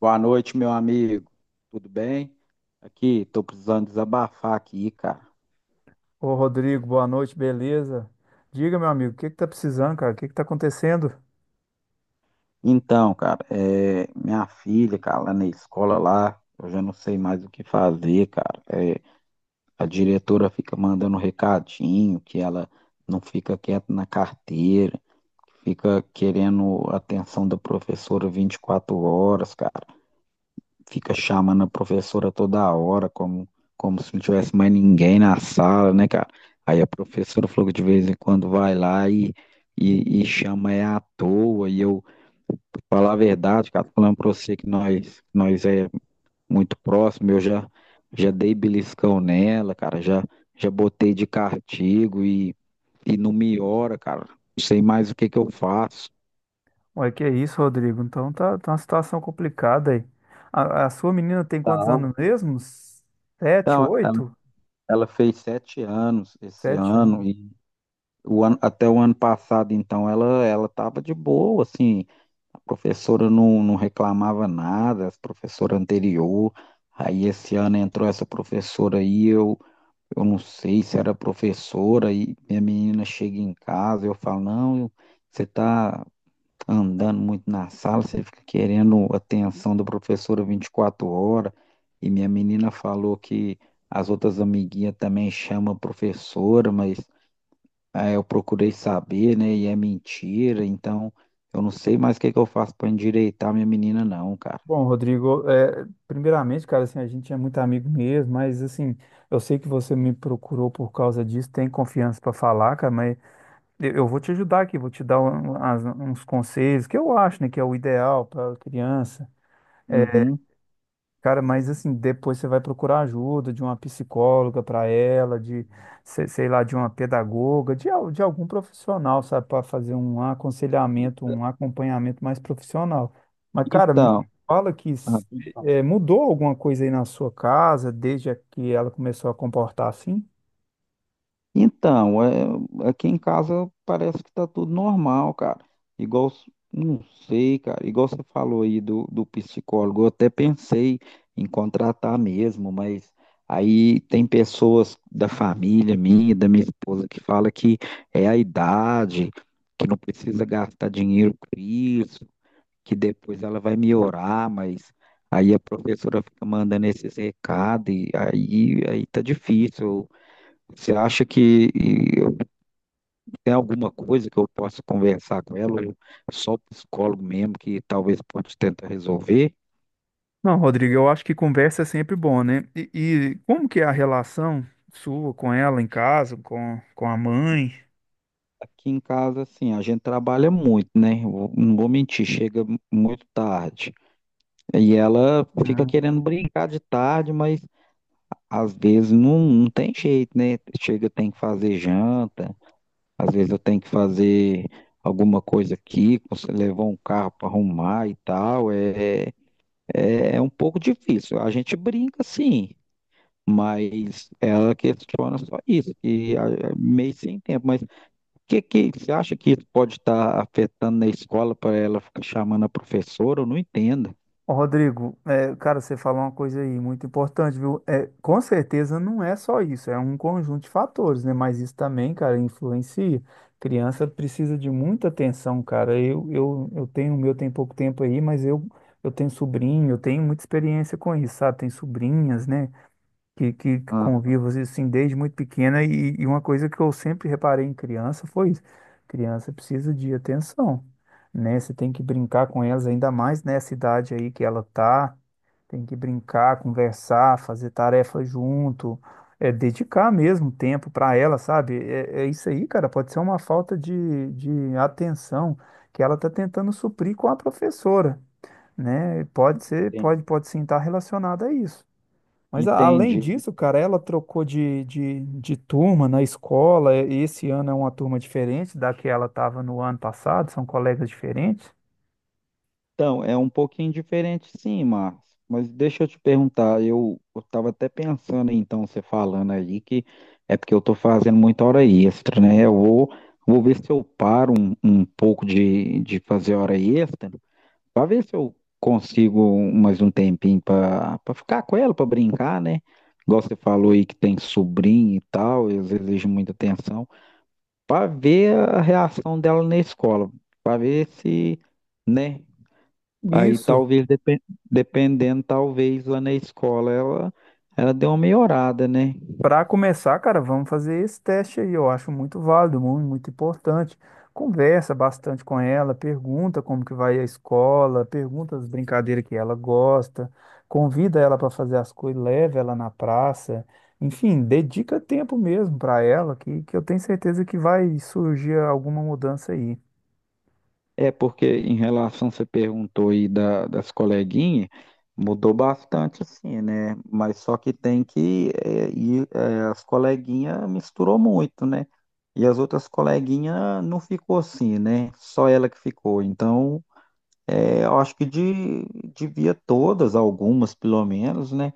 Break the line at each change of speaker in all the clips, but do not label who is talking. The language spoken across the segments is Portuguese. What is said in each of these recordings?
Boa noite, meu amigo. Tudo bem? Aqui, tô precisando desabafar aqui, cara.
Ô Rodrigo, boa noite, beleza? Diga, meu amigo, o que que tá precisando, cara? O que que tá acontecendo?
Então, cara, minha filha, cara, lá na escola lá, eu já não sei mais o que fazer, cara. É, a diretora fica mandando recadinho que ela não fica quieta na carteira, fica querendo atenção da professora 24 horas, cara. Fica chamando a professora toda hora, como se não tivesse mais ninguém na sala, né, cara? Aí a professora falou que de vez em quando vai lá e chama é à toa. E eu, pra falar a verdade, cara, falando pra você que nós é muito próximo, eu já dei beliscão nela, cara, já botei de castigo e não me ora, cara. Não sei mais o que que eu faço.
Ué, que é isso, Rodrigo? Então tá, tá uma situação complicada aí. A sua menina tem quantos
Não.
anos mesmo? Sete,
Então, ela,
oito?
ela fez sete anos esse
Sete
ano.
anos.
Até o ano passado, então, ela estava de boa, assim, a professora não reclamava nada, a professora anterior. Aí esse ano entrou essa professora aí, eu não sei se era professora, e minha menina chega em casa, eu falo, não, você tá andando muito na sala, você fica querendo atenção da professora 24 horas, e minha menina falou que as outras amiguinhas também chamam a professora, mas ah, eu procurei saber, né? E é mentira, então eu não sei mais o que que eu faço para endireitar minha menina, não, cara.
Bom, Rodrigo, primeiramente, cara, assim, a gente é muito amigo mesmo, mas assim, eu sei que você me procurou por causa disso, tem confiança para falar, cara, mas eu vou te ajudar aqui, vou te dar uns conselhos que eu acho, né, que é o ideal pra criança. É,
Uhum.
Cara, mas assim, depois você vai procurar ajuda de uma psicóloga para ela, de, se- sei lá, de uma pedagoga, de algum profissional, sabe, para fazer um aconselhamento, um acompanhamento mais profissional. Mas, cara, me
Então,
fala que
ah,
s- eh, mudou alguma coisa aí na sua casa desde que ela começou a comportar assim?
Então, aqui em casa parece que tá tudo normal, cara. Igual, s- não sei, cara. Igual você falou aí do psicólogo, eu até pensei em contratar mesmo, mas aí tem pessoas da família minha, da minha esposa, que fala que é a idade, que não precisa gastar dinheiro com isso, que depois ela vai melhorar, mas aí a professora fica mandando esses recados e aí tá difícil. Você acha que tem alguma coisa que eu possa conversar com ela, ou é só o psicólogo mesmo, que talvez pode tentar resolver?
Não, Rodrigo, eu acho que conversa é sempre bom, né? E como que é a relação sua com ela em casa, com a mãe?
Aqui em casa, assim, a gente trabalha muito, né? Não vou mentir, chega muito tarde. E ela fica querendo brincar de tarde, mas às vezes não tem jeito, né? Chega, tem que fazer janta, às vezes eu tenho que fazer alguma coisa aqui, você levar um carro para arrumar e tal. É um pouco difícil. A gente brinca, sim. Mas ela questiona só isso, que ah, é meio sem tempo. Mas o que, que você acha que isso pode estar afetando na escola para ela ficar chamando a professora? Eu não entendo.
Ô, Rodrigo, é, cara, você falou uma coisa aí muito importante, viu? É, com certeza não é só isso, é um conjunto de fatores, né? Mas isso também, cara, influencia. Criança precisa de muita atenção, cara. Eu tenho, o meu tem pouco tempo aí, mas eu tenho sobrinho, eu tenho muita experiência com isso, sabe? Tem sobrinhas, né? Que
Aham,
convivo assim, desde muito pequena e uma coisa que eu sempre reparei em criança foi isso. Criança precisa de atenção, né? Você tem que brincar com elas ainda mais nessa idade aí que ela tá, tem que brincar, conversar, fazer tarefa junto, é dedicar mesmo tempo para ela, sabe? É, é isso aí, cara, pode ser uma falta de atenção que ela tá tentando suprir com a professora. Né? Pode ser, pode,
entendi.
pode sim estar relacionada a isso. Mas além
Entendi.
disso, cara, ela trocou de turma na escola. Esse ano é uma turma diferente da que ela estava no ano passado, são colegas diferentes.
Então, é um pouquinho diferente, sim, Márcio. Mas deixa eu te perguntar, eu estava até pensando, então, você falando aí, que é porque eu estou fazendo muita hora extra, né? Eu vou ver se eu paro um pouco de fazer hora extra. Pra ver se eu consigo mais um tempinho pra ficar com ela, pra brincar, né? Igual você falou aí que tem sobrinho e tal, eles exigem muita atenção. Pra ver a reação dela na escola. Pra ver se, né? Aí
Isso.
talvez, dependendo, talvez lá na escola ela deu uma melhorada, né?
Para começar, cara, vamos fazer esse teste aí. Eu acho muito válido, muito, muito importante. Conversa bastante com ela, pergunta como que vai a escola, pergunta as brincadeiras que ela gosta, convida ela para fazer as coisas, leva ela na praça. Enfim, dedica tempo mesmo para ela, que eu tenho certeza que vai surgir alguma mudança aí.
É porque em relação, você perguntou aí das coleguinhas, mudou bastante assim, né? Mas só que tem que, as coleguinhas misturou muito, né? E as outras coleguinhas não ficou assim, né? Só ela que ficou. Então, é, eu acho que devia todas, algumas pelo menos, né?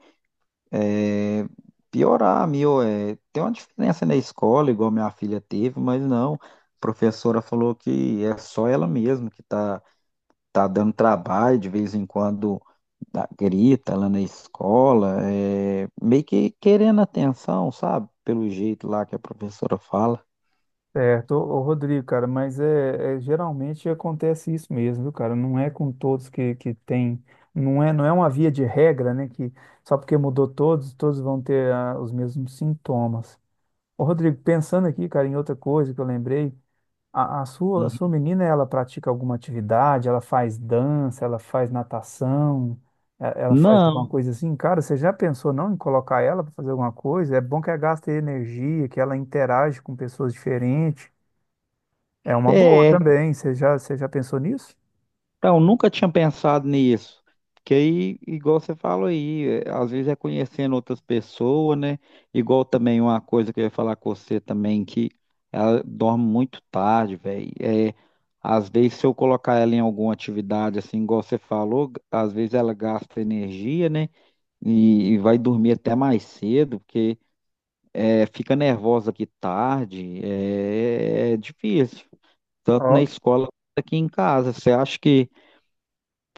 É, piorar, meu, é, tem uma diferença na escola, igual minha filha teve, mas não, a professora falou que é só ela mesma que tá dando trabalho, de vez em quando grita lá na escola, é, meio que querendo atenção, sabe? Pelo jeito lá que a professora fala.
Certo, Rodrigo, cara, mas geralmente acontece isso mesmo, viu, cara? Não é com todos que tem, não é uma via de regra, né? Que só porque mudou todos, todos vão ter os mesmos sintomas. Ô, Rodrigo, pensando aqui, cara, em outra coisa que eu lembrei, a sua
Uhum.
menina, ela pratica alguma atividade, ela faz dança, ela faz natação, ela faz alguma
Não,
coisa assim, cara, você já pensou não em colocar ela para fazer alguma coisa? É bom que ela gaste energia, que ela interage com pessoas diferentes. É uma boa
é.
também. Você já pensou nisso?
Então, nunca tinha pensado nisso. Porque aí, igual você falou aí, é, às vezes é conhecendo outras pessoas, né? Igual também uma coisa que eu ia falar com você também, que ela dorme muito tarde, velho. É, às vezes, se eu colocar ela em alguma atividade, assim, igual você falou, às vezes ela gasta energia, né? E vai dormir até mais cedo, porque é, fica nervosa aqui tarde, é difícil. Tanto na
Ó,
escola quanto aqui em casa. Você acha que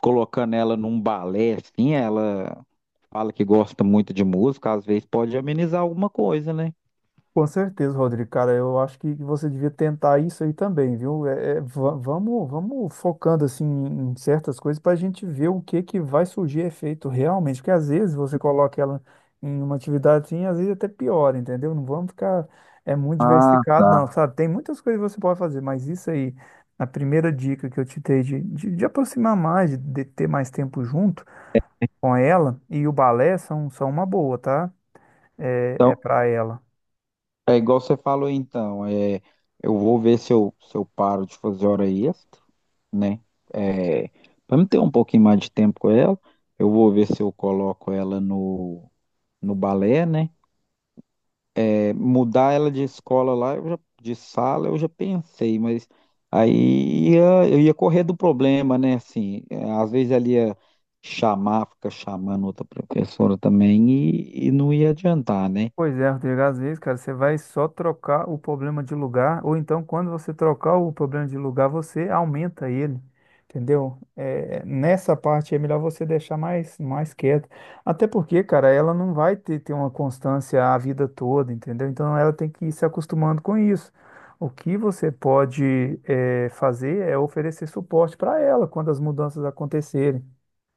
colocando ela num balé, assim, ela fala que gosta muito de música, às vezes pode amenizar alguma coisa, né?
com certeza, Rodrigo. Cara, eu acho que você devia tentar isso aí também, viu? Vamos focando assim em certas coisas para a gente ver o que que vai surgir efeito realmente. Porque às vezes você coloca ela em uma atividade assim, às vezes até pior, entendeu? Não vamos ficar é muito
Ah,
diversificado,
tá.
não, sabe? Tem muitas coisas que você pode fazer, mas isso aí, a primeira dica que eu te dei de aproximar mais, de ter mais tempo junto com ela e o balé são uma boa, tá? É, é
Então,
para ela.
é igual você falou, então, é, eu vou ver se eu paro de fazer hora extra, né? É, para me ter um pouquinho mais de tempo com ela, eu vou ver se eu coloco ela no balé, né? Mudar ela de escola lá, eu já, de sala, eu já pensei, mas eu ia correr do problema, né? Assim, é, às vezes ela ia chamar, ficar chamando outra professora também e não ia adiantar, né?
Pois é, Rodrigo, às vezes, cara, você vai só trocar o problema de lugar, ou então quando você trocar o problema de lugar, você aumenta ele, entendeu? É, nessa parte é melhor você deixar mais, mais quieto. Até porque, cara, ela não vai ter uma constância a vida toda, entendeu? Então ela tem que ir se acostumando com isso. O que você pode, é, fazer é oferecer suporte para ela quando as mudanças acontecerem.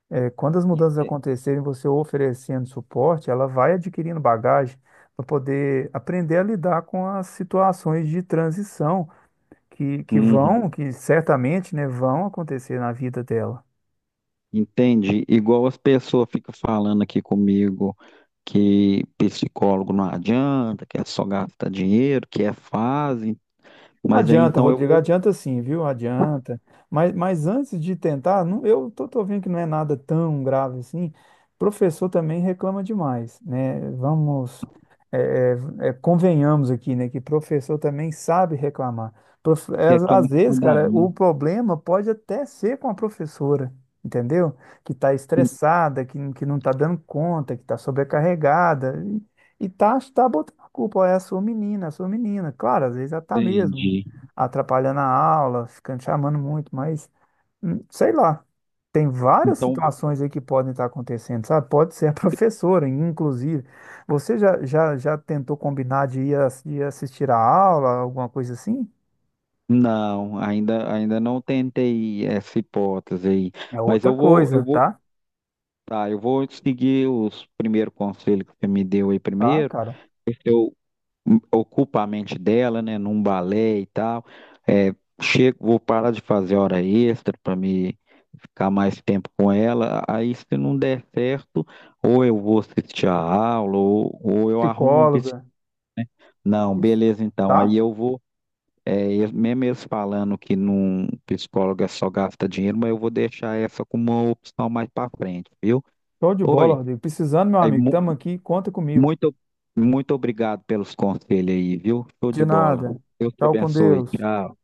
É, quando as mudanças acontecerem, você oferecendo suporte, ela vai adquirindo bagagem para poder aprender a lidar com as situações de transição
Uhum.
que certamente, né, vão acontecer na vida dela.
Entende? Igual as pessoas ficam falando aqui comigo que psicólogo não adianta, que é só gastar dinheiro, que é fase, mas aí
Adianta,
então eu
Rodrigo,
vou
adianta sim, viu? Adianta. Mas antes de tentar, eu tô vendo que não é nada tão grave assim. Professor também reclama demais, né? Vamos, é, convenhamos aqui, né? Que professor também sabe reclamar. Às às
reclamar
vezes,
da
cara,
minha.
o problema pode até ser com a professora, entendeu? Que está estressada, que não está dando conta, que está sobrecarregada. Tá botando a culpa, ó, é a sua menina, é a sua menina. Claro, às vezes ela tá mesmo
Entende?
atrapalhando a aula, ficando chamando muito, mas sei lá. Tem várias
Então,
situações aí que podem estar acontecendo, sabe? Pode ser a professora, inclusive. Já tentou combinar de ir, ir assistir a aula, alguma coisa assim?
Não, ainda, ainda não tentei essa hipótese aí,
É
mas
outra
eu vou, eu
coisa,
vou,
tá?
tá, eu vou seguir os primeiros conselhos que você me deu aí
Tá,
primeiro.
cara.
Eu ocupo a mente dela, né, num balé e tal. É, chego, vou parar de fazer hora extra para me ficar mais tempo com ela. Aí, se não der certo, ou eu vou assistir a aula, ou eu arrumo um
Psicóloga,
psicólogo. Não,
isso,
beleza, então.
tá?
Aí eu vou. É, e mesmo eles falando que num psicólogo é só gasta dinheiro, mas eu vou deixar essa como uma opção mais para frente, viu?
Show de bola,
Oi,
Rodrigo. Precisando, meu
aí,
amigo, tamo aqui, conta comigo.
muito, muito obrigado pelos conselhos aí, viu? Show
De
de bola.
nada.
Deus te
Tchau com
abençoe.
Deus.
Tchau.